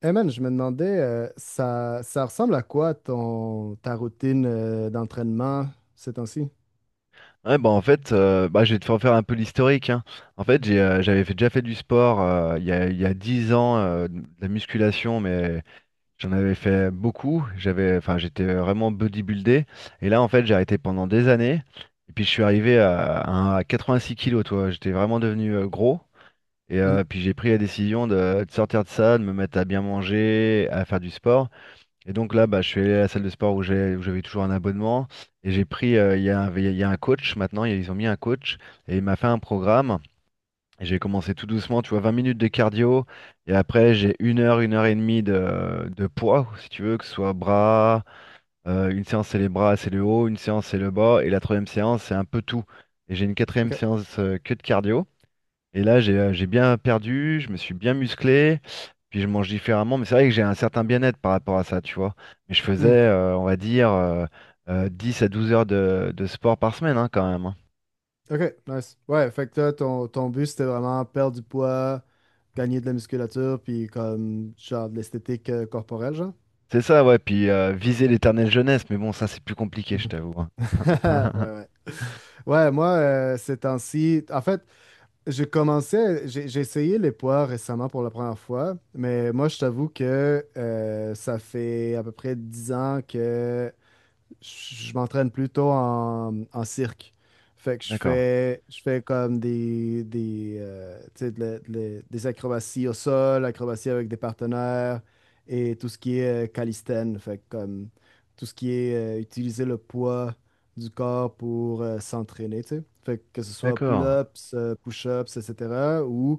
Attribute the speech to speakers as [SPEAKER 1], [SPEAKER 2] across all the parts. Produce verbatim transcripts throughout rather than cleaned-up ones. [SPEAKER 1] Hey man, je me demandais, euh, ça, ça ressemble à quoi ton, ta routine euh, d'entraînement ces temps-ci?
[SPEAKER 2] Ouais, bah en fait, euh, bah, je vais te faire faire un peu l'historique, hein. En fait, j'ai, euh, j'avais fait- déjà fait du sport euh, il y a, il y a dix ans, euh, de la musculation, mais j'en avais fait beaucoup. J'avais, enfin, j'étais vraiment bodybuildé. Et là, en fait, j'ai arrêté pendant des années. Et puis, je suis arrivé à, à- un- à 86 kilos, toi. J'étais vraiment devenu euh, gros. Et
[SPEAKER 1] Mhm.
[SPEAKER 2] euh, puis, j'ai pris la décision de, de sortir de ça, de me mettre à bien manger, à faire du sport. Et donc là, bah, je suis allé à la salle de sport où j'ai- où j'avais toujours un abonnement. Et j'ai pris, euh, il y a un, il y a un coach maintenant, ils ont mis un coach. Et il m'a fait un programme. Et j'ai commencé tout doucement, tu vois, vingt minutes de cardio. Et après, j'ai une heure, une heure et demie de, de poids, si tu veux, que ce soit bras. euh, une séance, c'est les bras, c'est le haut. Une séance, c'est le bas. Et la troisième séance, c'est un peu tout. Et j'ai une quatrième
[SPEAKER 1] OK.
[SPEAKER 2] séance, euh, que de cardio. Et là, j'ai euh, j'ai bien perdu, je me suis bien musclé, puis je mange différemment. Mais c'est vrai que j'ai un certain bien-être par rapport à ça, tu vois. Mais je faisais,
[SPEAKER 1] Mhm.
[SPEAKER 2] euh, on va dire, euh, euh, dix à douze heures de, de sport par semaine, hein, quand même, hein.
[SPEAKER 1] OK, nice. Ouais, fait que toi, ton, ton but, c'était vraiment perdre du poids, gagner de la musculature, puis comme genre de l'esthétique euh, corporelle, genre?
[SPEAKER 2] C'est ça, ouais. Puis euh, viser l'éternelle jeunesse, mais bon, ça, c'est plus compliqué, je
[SPEAKER 1] Mhm.
[SPEAKER 2] t'avoue, hein.
[SPEAKER 1] Ouais, ouais. Ouais, moi, euh, ces temps-ci, en fait, j'ai commencé, j'ai j'ai essayé les poids récemment pour la première fois, mais moi, je t'avoue que euh, ça fait à peu près dix ans que je m'entraîne plutôt en, en cirque. Fait que je
[SPEAKER 2] D'accord,
[SPEAKER 1] fais, je fais comme des, des, euh, tu sais, de la- de la- des acrobaties au sol, acrobaties avec des partenaires et tout ce qui est euh, calistène. Fait que comme tout ce qui est euh, utiliser le poids du corps pour euh, s'entraîner, tu sais. Fait que, que ce soit
[SPEAKER 2] d'accord.
[SPEAKER 1] pull-ups, euh, push-ups, et cetera ou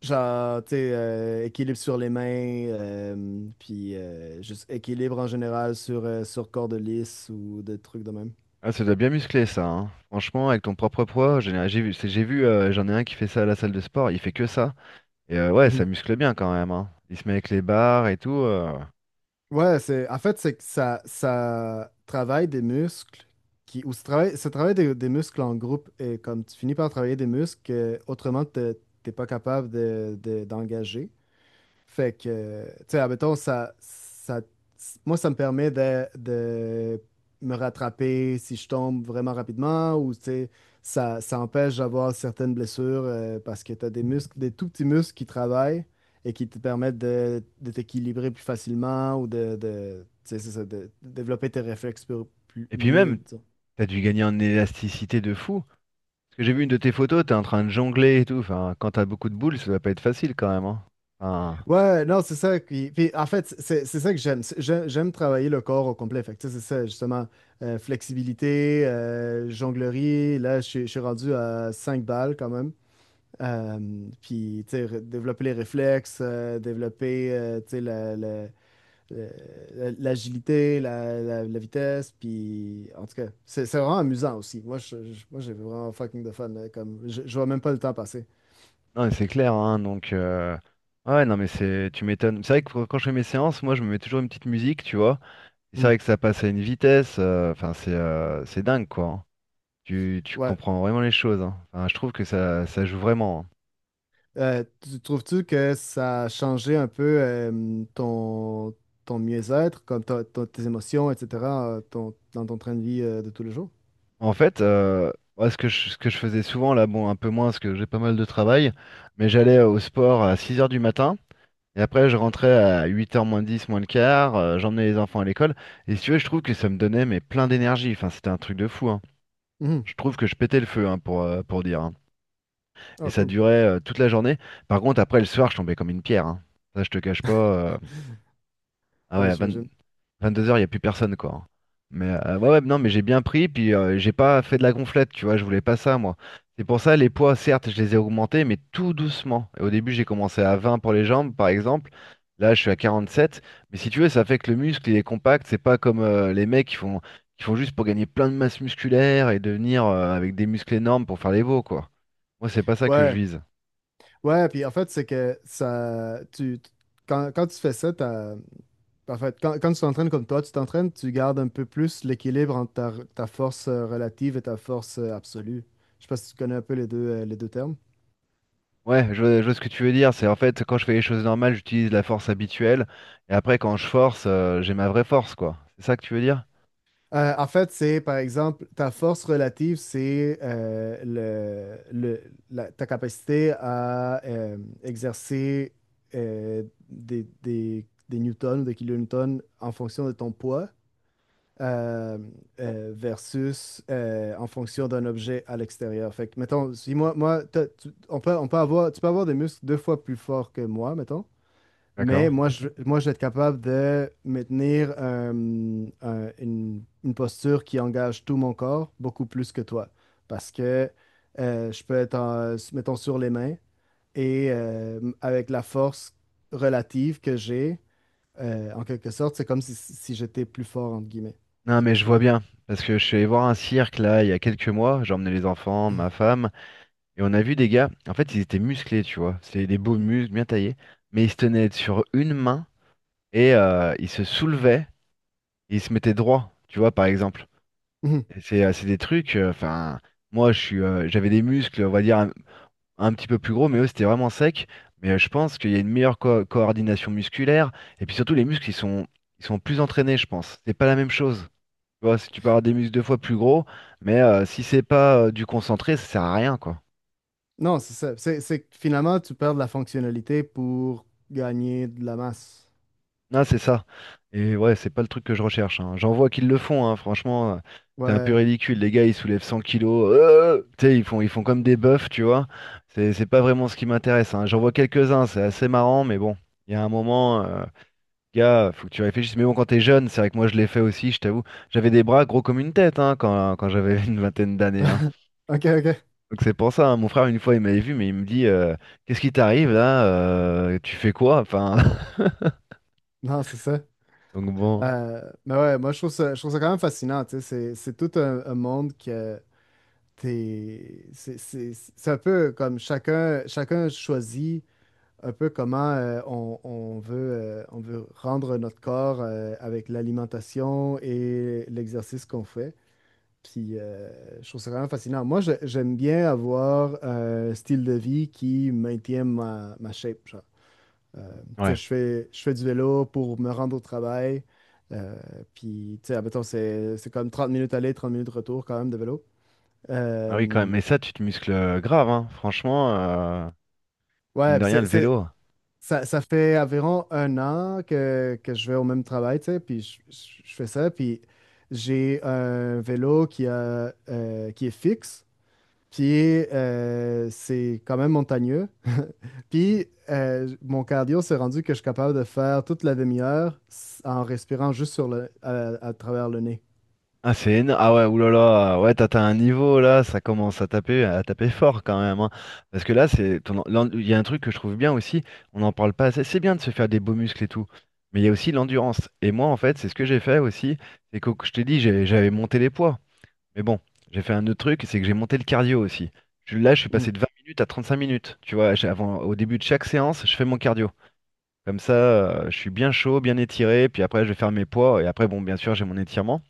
[SPEAKER 1] genre, tu sais, euh, équilibre sur les mains, euh, puis euh, juste équilibre en général sur, euh, sur corde lisse ou des trucs de même.
[SPEAKER 2] Ah, ça doit bien muscler, ça, hein. Franchement, avec ton propre poids, j'ai j'ai vu, c'est- j'ai vu, euh, j'en ai un qui fait ça à la salle de sport, il fait que ça. Et euh, ouais, ça
[SPEAKER 1] Mhm.
[SPEAKER 2] muscle bien quand même, hein. Il se met avec les barres et tout. euh.
[SPEAKER 1] Ouais, c'est, en fait, c'est que ça, ça travaille des muscles qui, ou ça travaille, ça travaille des, des muscles en groupe et comme tu finis par travailler des muscles que autrement, t'es t'es pas capable de, de- d'engager. Fait que, euh, tu sais, admettons, ça, ça, moi, ça me permet de, de me rattraper si je tombe vraiment rapidement ou, tu sais, ça, ça empêche d'avoir certaines blessures euh, parce que tu as des muscles, des tout petits muscles qui travaillent et qui te permettent de, de t'équilibrer plus facilement ou de, de, tu sais, c'est ça, de, de développer tes réflexes plus, plus-
[SPEAKER 2] Et puis
[SPEAKER 1] mieux,
[SPEAKER 2] même,
[SPEAKER 1] disons.
[SPEAKER 2] t'as dû gagner en élasticité de fou. Parce que j'ai vu une de tes photos, t'es en train de jongler et tout. Enfin, quand t'as beaucoup de boules, ça doit pas être facile quand même, hein. Enfin,
[SPEAKER 1] Ouais, non, c'est ça. qui- Puis, en fait, c'est c'est ça que j'aime. C'est- j'ai- J'aime travailler le corps au complet. Fait que, tu sais, c'est ça, justement. euh, flexibilité, euh, jonglerie. Là, je suis je suis rendu à cinq balles quand même. Euh, puis, tu sais, re- développer les réflexes, euh, développer, euh, tu sais, la- la- la- l'agilité, la, la- la vitesse. Puis, en tout cas, c'est c'est vraiment amusant aussi. Moi, je- je- moi, j'ai vraiment fucking de fun là, comme, je, je vois même pas le temps passer.
[SPEAKER 2] non, mais c'est clair, hein. Donc, euh, ouais, non, mais c'est, tu m'étonnes. C'est vrai que quand je fais mes séances, moi, je me mets toujours une petite musique, tu vois. Et c'est
[SPEAKER 1] Hmm.
[SPEAKER 2] vrai que ça passe à une vitesse. euh, Enfin, c'est, euh, c'est dingue, quoi, hein. Tu, tu
[SPEAKER 1] Ouais.
[SPEAKER 2] comprends vraiment les choses, hein. Enfin, je trouve que ça, ça joue vraiment, hein.
[SPEAKER 1] Euh, tu trouves-tu que ça a changé un peu euh, ton, ton mieux-être, comme ta- ta- tes émotions, et cetera, euh, ton- dans ton train de vie euh, de tous les jours?
[SPEAKER 2] En fait, euh, moi, ce que je, ce que je faisais souvent, là, bon, un peu moins, parce que j'ai pas mal de travail, mais j'allais au sport à six heures du matin. Et après, je rentrais à huit heures moins dix moins le quart, euh, j'emmenais les enfants à l'école. Et si tu veux, je trouve que ça me donnait mais plein d'énergie. Enfin, c'était un truc de fou, hein.
[SPEAKER 1] Mhm.
[SPEAKER 2] Je trouve que je pétais le feu, hein, pour, euh, pour dire, hein. Et
[SPEAKER 1] Ah,
[SPEAKER 2] ça
[SPEAKER 1] cool.
[SPEAKER 2] durait euh, toute la journée. Par contre, après, le soir, je tombais comme une pierre, hein. Ça, je te cache pas. euh, Ah ouais,
[SPEAKER 1] Ouais,
[SPEAKER 2] à vingt
[SPEAKER 1] j'imagine.
[SPEAKER 2] vingt-deux heures, il n'y a plus personne, quoi. Mais euh, ouais, ouais, non, mais j'ai bien pris, puis euh, j'ai pas fait de la gonflette, tu vois, je voulais pas ça, moi. C'est pour ça, les poids, certes, je les ai augmentés, mais tout doucement. Et au début, j'ai commencé à vingt pour les jambes, par exemple. Là, je suis à quarante-sept. Mais si tu veux, ça fait que le muscle, il est compact. C'est pas comme euh, les mecs qui font, qui font juste pour gagner plein de masse musculaire et devenir euh, avec des muscles énormes pour faire les veaux, quoi. Moi, c'est pas ça que je
[SPEAKER 1] Ouais,
[SPEAKER 2] vise.
[SPEAKER 1] ouais, puis en fait, c'est que ça, tu, tu- quand, quand tu fais ça, t'as- en fait, quand, quand tu t'entraînes comme toi, tu t'entraînes, tu gardes un peu plus l'équilibre entre ta, ta force euh, relative et ta force euh, absolue. Je sais pas si tu connais un peu les deux, euh, les deux termes.
[SPEAKER 2] Ouais, je, vois je vois ce que tu veux dire. C'est en fait, quand je fais les choses normales, j'utilise la force habituelle. Et après, quand je force, euh, j'ai ma vraie force, quoi. C'est ça que tu veux dire?
[SPEAKER 1] Euh, en fait, c'est par exemple, ta force relative, c'est euh, le, le- la- ta capacité à euh, exercer euh, des, des, des newtons ou des kilonewtons en fonction de ton poids euh, euh, versus euh, en fonction d'un objet à l'extérieur. Fait que, mettons, si moi, moi t'as- tu, on peut, on peut avoir, tu peux avoir des muscles deux fois plus forts que moi, mettons, mais
[SPEAKER 2] D'accord.
[SPEAKER 1] moi, je, moi, je vais être capable de maintenir euh, un- une, une posture qui engage tout mon corps beaucoup plus que toi. Parce que euh, je peux être, en- mettons, sur les mains et euh, avec la force relative que j'ai, euh, en quelque sorte, c'est comme si, si j'étais plus fort, entre guillemets.
[SPEAKER 2] Non,
[SPEAKER 1] Tu
[SPEAKER 2] mais
[SPEAKER 1] vois ce
[SPEAKER 2] je
[SPEAKER 1] que je
[SPEAKER 2] vois
[SPEAKER 1] veux dire?
[SPEAKER 2] bien. Parce que je suis allé voir un cirque, là, il y a quelques mois. J'ai emmené les enfants, ma femme. Et on a vu des gars. En fait, ils étaient musclés, tu vois. C'était des beaux
[SPEAKER 1] Mm.
[SPEAKER 2] muscles, bien taillés. Mais ils se tenaient sur une main. Et euh, ils se soulevaient. Et ils se mettaient droit, tu vois, par exemple.
[SPEAKER 1] Mhm.
[SPEAKER 2] Et C'est euh, c'est des trucs. euh, Enfin, moi, je suis, euh, j'avais des muscles, on va dire, un petit peu plus gros, mais eux, c'était vraiment sec. Mais euh, je pense qu'il y a une meilleure co- coordination musculaire. Et puis surtout, les muscles, ils sont, ils sont plus entraînés, je pense. C'est pas la même chose. Tu vois, si tu peux avoir des muscles deux fois plus gros, mais euh, si c'est pas euh, du concentré, ça sert à rien, quoi.
[SPEAKER 1] Non, c'est ça. C'est c'est que finalement, tu perds de la fonctionnalité pour gagner de la masse.
[SPEAKER 2] Non, c'est ça. Et ouais, c'est pas le truc que je recherche, hein. J'en vois qu'ils le font, hein, franchement. euh, C'est un peu
[SPEAKER 1] Ouais.
[SPEAKER 2] ridicule, les gars, ils soulèvent 100 kilos, euh, tu sais, ils font, ils font comme des bœufs, tu vois. C'est c'est pas vraiment ce qui m'intéresse, hein. J'en vois quelques-uns, c'est assez marrant, mais bon, il y a un moment. euh, Gars, faut que tu réfléchisses. Mais bon, quand t'es jeune, c'est vrai que moi je l'ai fait aussi, je t'avoue. J'avais des bras gros comme une tête, hein, quand, quand j'avais une vingtaine d'années, hein.
[SPEAKER 1] OK, OK.
[SPEAKER 2] Donc c'est pour ça, hein. Mon frère, une fois, il m'avait vu, mais il me dit, euh, Qu'est-ce qui t'arrive là? Euh, Tu fais quoi? Enfin,
[SPEAKER 1] Non, c'est ça.
[SPEAKER 2] donc bon.
[SPEAKER 1] Euh, mais ouais, moi je trouve ça, je trouve ça quand même fascinant, tu sais, c'est c'est tout un, un monde que t'es, c'est c'est- c'est un peu comme chacun, chacun choisit un peu comment euh, on, on veut, euh, on veut rendre notre corps euh, avec l'alimentation et l'exercice qu'on fait. Puis euh, je trouve ça quand même fascinant. Moi je- j'aime bien avoir un style de vie qui maintient ma, ma shape, euh, tu sais,
[SPEAKER 2] Ouais.
[SPEAKER 1] je fais, je fais du vélo pour me rendre au travail. Euh, puis, tu sais, admettons, c'est, c'est comme trente minutes aller, trente minutes retour quand même de vélo.
[SPEAKER 2] Ah oui, quand même.
[SPEAKER 1] Euh,
[SPEAKER 2] Mais ça, tu te muscles euh, grave, hein. Franchement, euh, mine
[SPEAKER 1] ouais,
[SPEAKER 2] de
[SPEAKER 1] puis
[SPEAKER 2] rien,
[SPEAKER 1] c'est,
[SPEAKER 2] le
[SPEAKER 1] c'est-
[SPEAKER 2] vélo.
[SPEAKER 1] ça, ça fait environ un an que, que je vais au même travail, tu sais, puis je, je- je fais ça. Puis j'ai un vélo qui a, euh, qui est fixe. Puis euh, c'est quand même montagneux. Puis euh, mon cardio s'est rendu que je suis capable de faire toute la demi-heure s- en respirant juste sur le, à, à travers le nez.
[SPEAKER 2] Ah, c'est énorme. Ah ouais, oulala. Ouais, t'as t'as un niveau là, ça commence à taper, à taper fort quand même, hein. Parce que là, c'est ton en- l'en- il y a un truc que je trouve bien aussi, on n'en parle pas assez. C'est bien de se faire des beaux muscles et tout, mais il y a aussi l'endurance. Et moi, en fait, c'est ce que j'ai fait aussi. C'est que je t'ai dit, j'ai- j'avais monté les poids. Mais bon, j'ai fait un autre truc, c'est que j'ai monté le cardio aussi. Je- Là, je suis passé
[SPEAKER 1] Mhm.
[SPEAKER 2] de vingt minutes à trente cinq minutes. Tu vois, j'ai- avant, au début de chaque séance, je fais mon cardio. Comme ça, euh, je suis bien chaud, bien étiré, puis après, je vais faire mes poids. Et après, bon, bien sûr, j'ai mon étirement.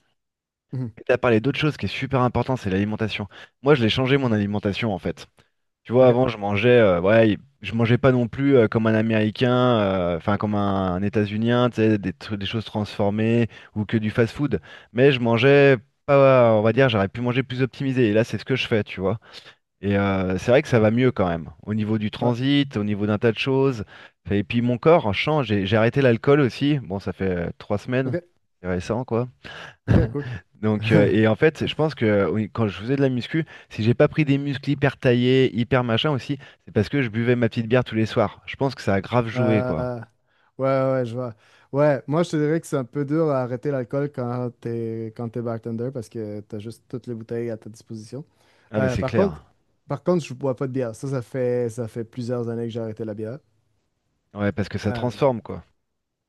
[SPEAKER 1] Mhm.
[SPEAKER 2] Tu as parlé d'autre chose qui est super important, c'est l'alimentation. Moi, je l'ai changé mon alimentation en fait. Tu vois,
[SPEAKER 1] OK.
[SPEAKER 2] avant, je mangeais, euh, ouais, je mangeais pas non plus euh, comme un Américain, euh, enfin comme un, États-Unien, tu sais, des, tru- des choses transformées ou que du fast-food. Mais je mangeais pas, on va dire, j'aurais pu manger plus optimisé. Et là, c'est ce que je fais, tu vois. Et euh, c'est vrai que ça va mieux quand même, au niveau du
[SPEAKER 1] Ouais.
[SPEAKER 2] transit, au niveau d'un tas de choses. Et puis mon corps change. J'ai j'ai arrêté l'alcool aussi. Bon, ça fait euh, trois semaines,
[SPEAKER 1] OK.
[SPEAKER 2] c'est récent, quoi.
[SPEAKER 1] OK, cool.
[SPEAKER 2] Donc, euh, et en fait, je pense que oui, quand je faisais de la muscu, si j'ai pas pris des muscles hyper taillés, hyper machin aussi, c'est parce que je buvais ma petite bière tous les soirs. Je pense que ça a grave joué, quoi.
[SPEAKER 1] Euh, ouais, ouais, ouais, je vois. Ouais, moi, je te dirais que c'est un peu dur à arrêter l'alcool quand t'es, quand t'es bartender parce que t'as juste toutes les bouteilles à ta disposition.
[SPEAKER 2] Ah, mais
[SPEAKER 1] Euh,
[SPEAKER 2] c'est
[SPEAKER 1] par contre,
[SPEAKER 2] clair.
[SPEAKER 1] par contre, je bois pas de bière. Ça, ça fait, ça fait plusieurs années que j'ai arrêté la bière.
[SPEAKER 2] Ouais, parce que ça
[SPEAKER 1] Euh,
[SPEAKER 2] transforme, quoi.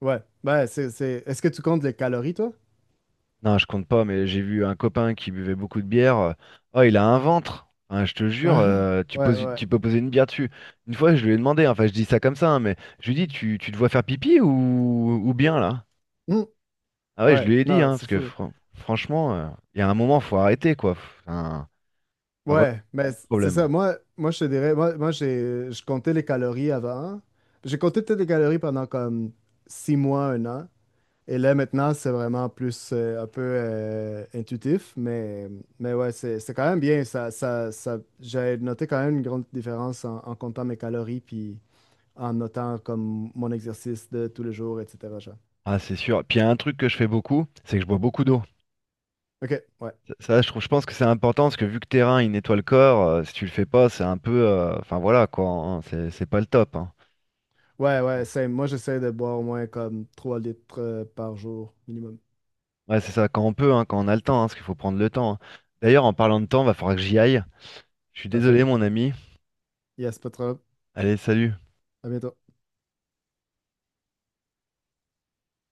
[SPEAKER 1] ouais, ouais, c'est, c'est... Est-ce que tu comptes les calories, toi?
[SPEAKER 2] Non, je compte pas, mais j'ai vu un copain qui buvait beaucoup de bière. euh, Oh, il a un ventre. Hein, je te jure,
[SPEAKER 1] Ah,
[SPEAKER 2] euh, tu
[SPEAKER 1] ouais,
[SPEAKER 2] poses,
[SPEAKER 1] ouais.
[SPEAKER 2] tu peux poser une bière dessus. Une fois, je lui ai demandé, hein, enfin, je dis ça comme ça, hein, mais je lui ai dit, tu, tu te vois faire pipi ou, ou bien là?
[SPEAKER 1] Hmm,
[SPEAKER 2] Ah ouais, je
[SPEAKER 1] ouais,
[SPEAKER 2] lui ai dit,
[SPEAKER 1] non,
[SPEAKER 2] hein,
[SPEAKER 1] c'est
[SPEAKER 2] parce que
[SPEAKER 1] fou.
[SPEAKER 2] fran- franchement, euh, il y a un moment, faut arrêter, quoi. Enfin, ah, voilà,
[SPEAKER 1] Ouais,
[SPEAKER 2] c'est un
[SPEAKER 1] mais
[SPEAKER 2] autre
[SPEAKER 1] c- c'est ça.
[SPEAKER 2] problème.
[SPEAKER 1] Moi, moi, je te dirais, moi, moi j'ai, je comptais les calories avant. J'ai compté peut-être les calories pendant comme six mois, un an. Et là, maintenant, c'est vraiment plus euh, un peu euh, intuitif. Mais, mais ouais, c'est c'est quand même bien. Ça, ça, ça, j'ai noté quand même une grande différence en, en comptant mes calories puis en notant comme mon exercice de tous les jours, et cetera genre.
[SPEAKER 2] Ah, c'est sûr. Puis il y a un truc que je fais beaucoup, c'est que je bois beaucoup d'eau.
[SPEAKER 1] OK, ouais.
[SPEAKER 2] Ça, ça, je trouve, je pense que c'est important parce que vu que terrain, il nettoie le corps, euh, si tu le fais pas, c'est un peu. euh, Enfin voilà, quoi, hein, c'est c'est pas le top, hein.
[SPEAKER 1] Ouais, ouais,
[SPEAKER 2] Bon.
[SPEAKER 1] c'est, moi, j'essaie de boire au moins comme trois litres euh, par jour minimum.
[SPEAKER 2] Ouais, c'est ça, quand on peut, hein, quand on a le temps, hein, parce qu'il faut prendre le temps, hein. D'ailleurs, en parlant de temps, va falloir que j'y aille. Je suis
[SPEAKER 1] Parfait.
[SPEAKER 2] désolé, mon ami.
[SPEAKER 1] Yes, pas trop.
[SPEAKER 2] Allez, salut.
[SPEAKER 1] À bientôt.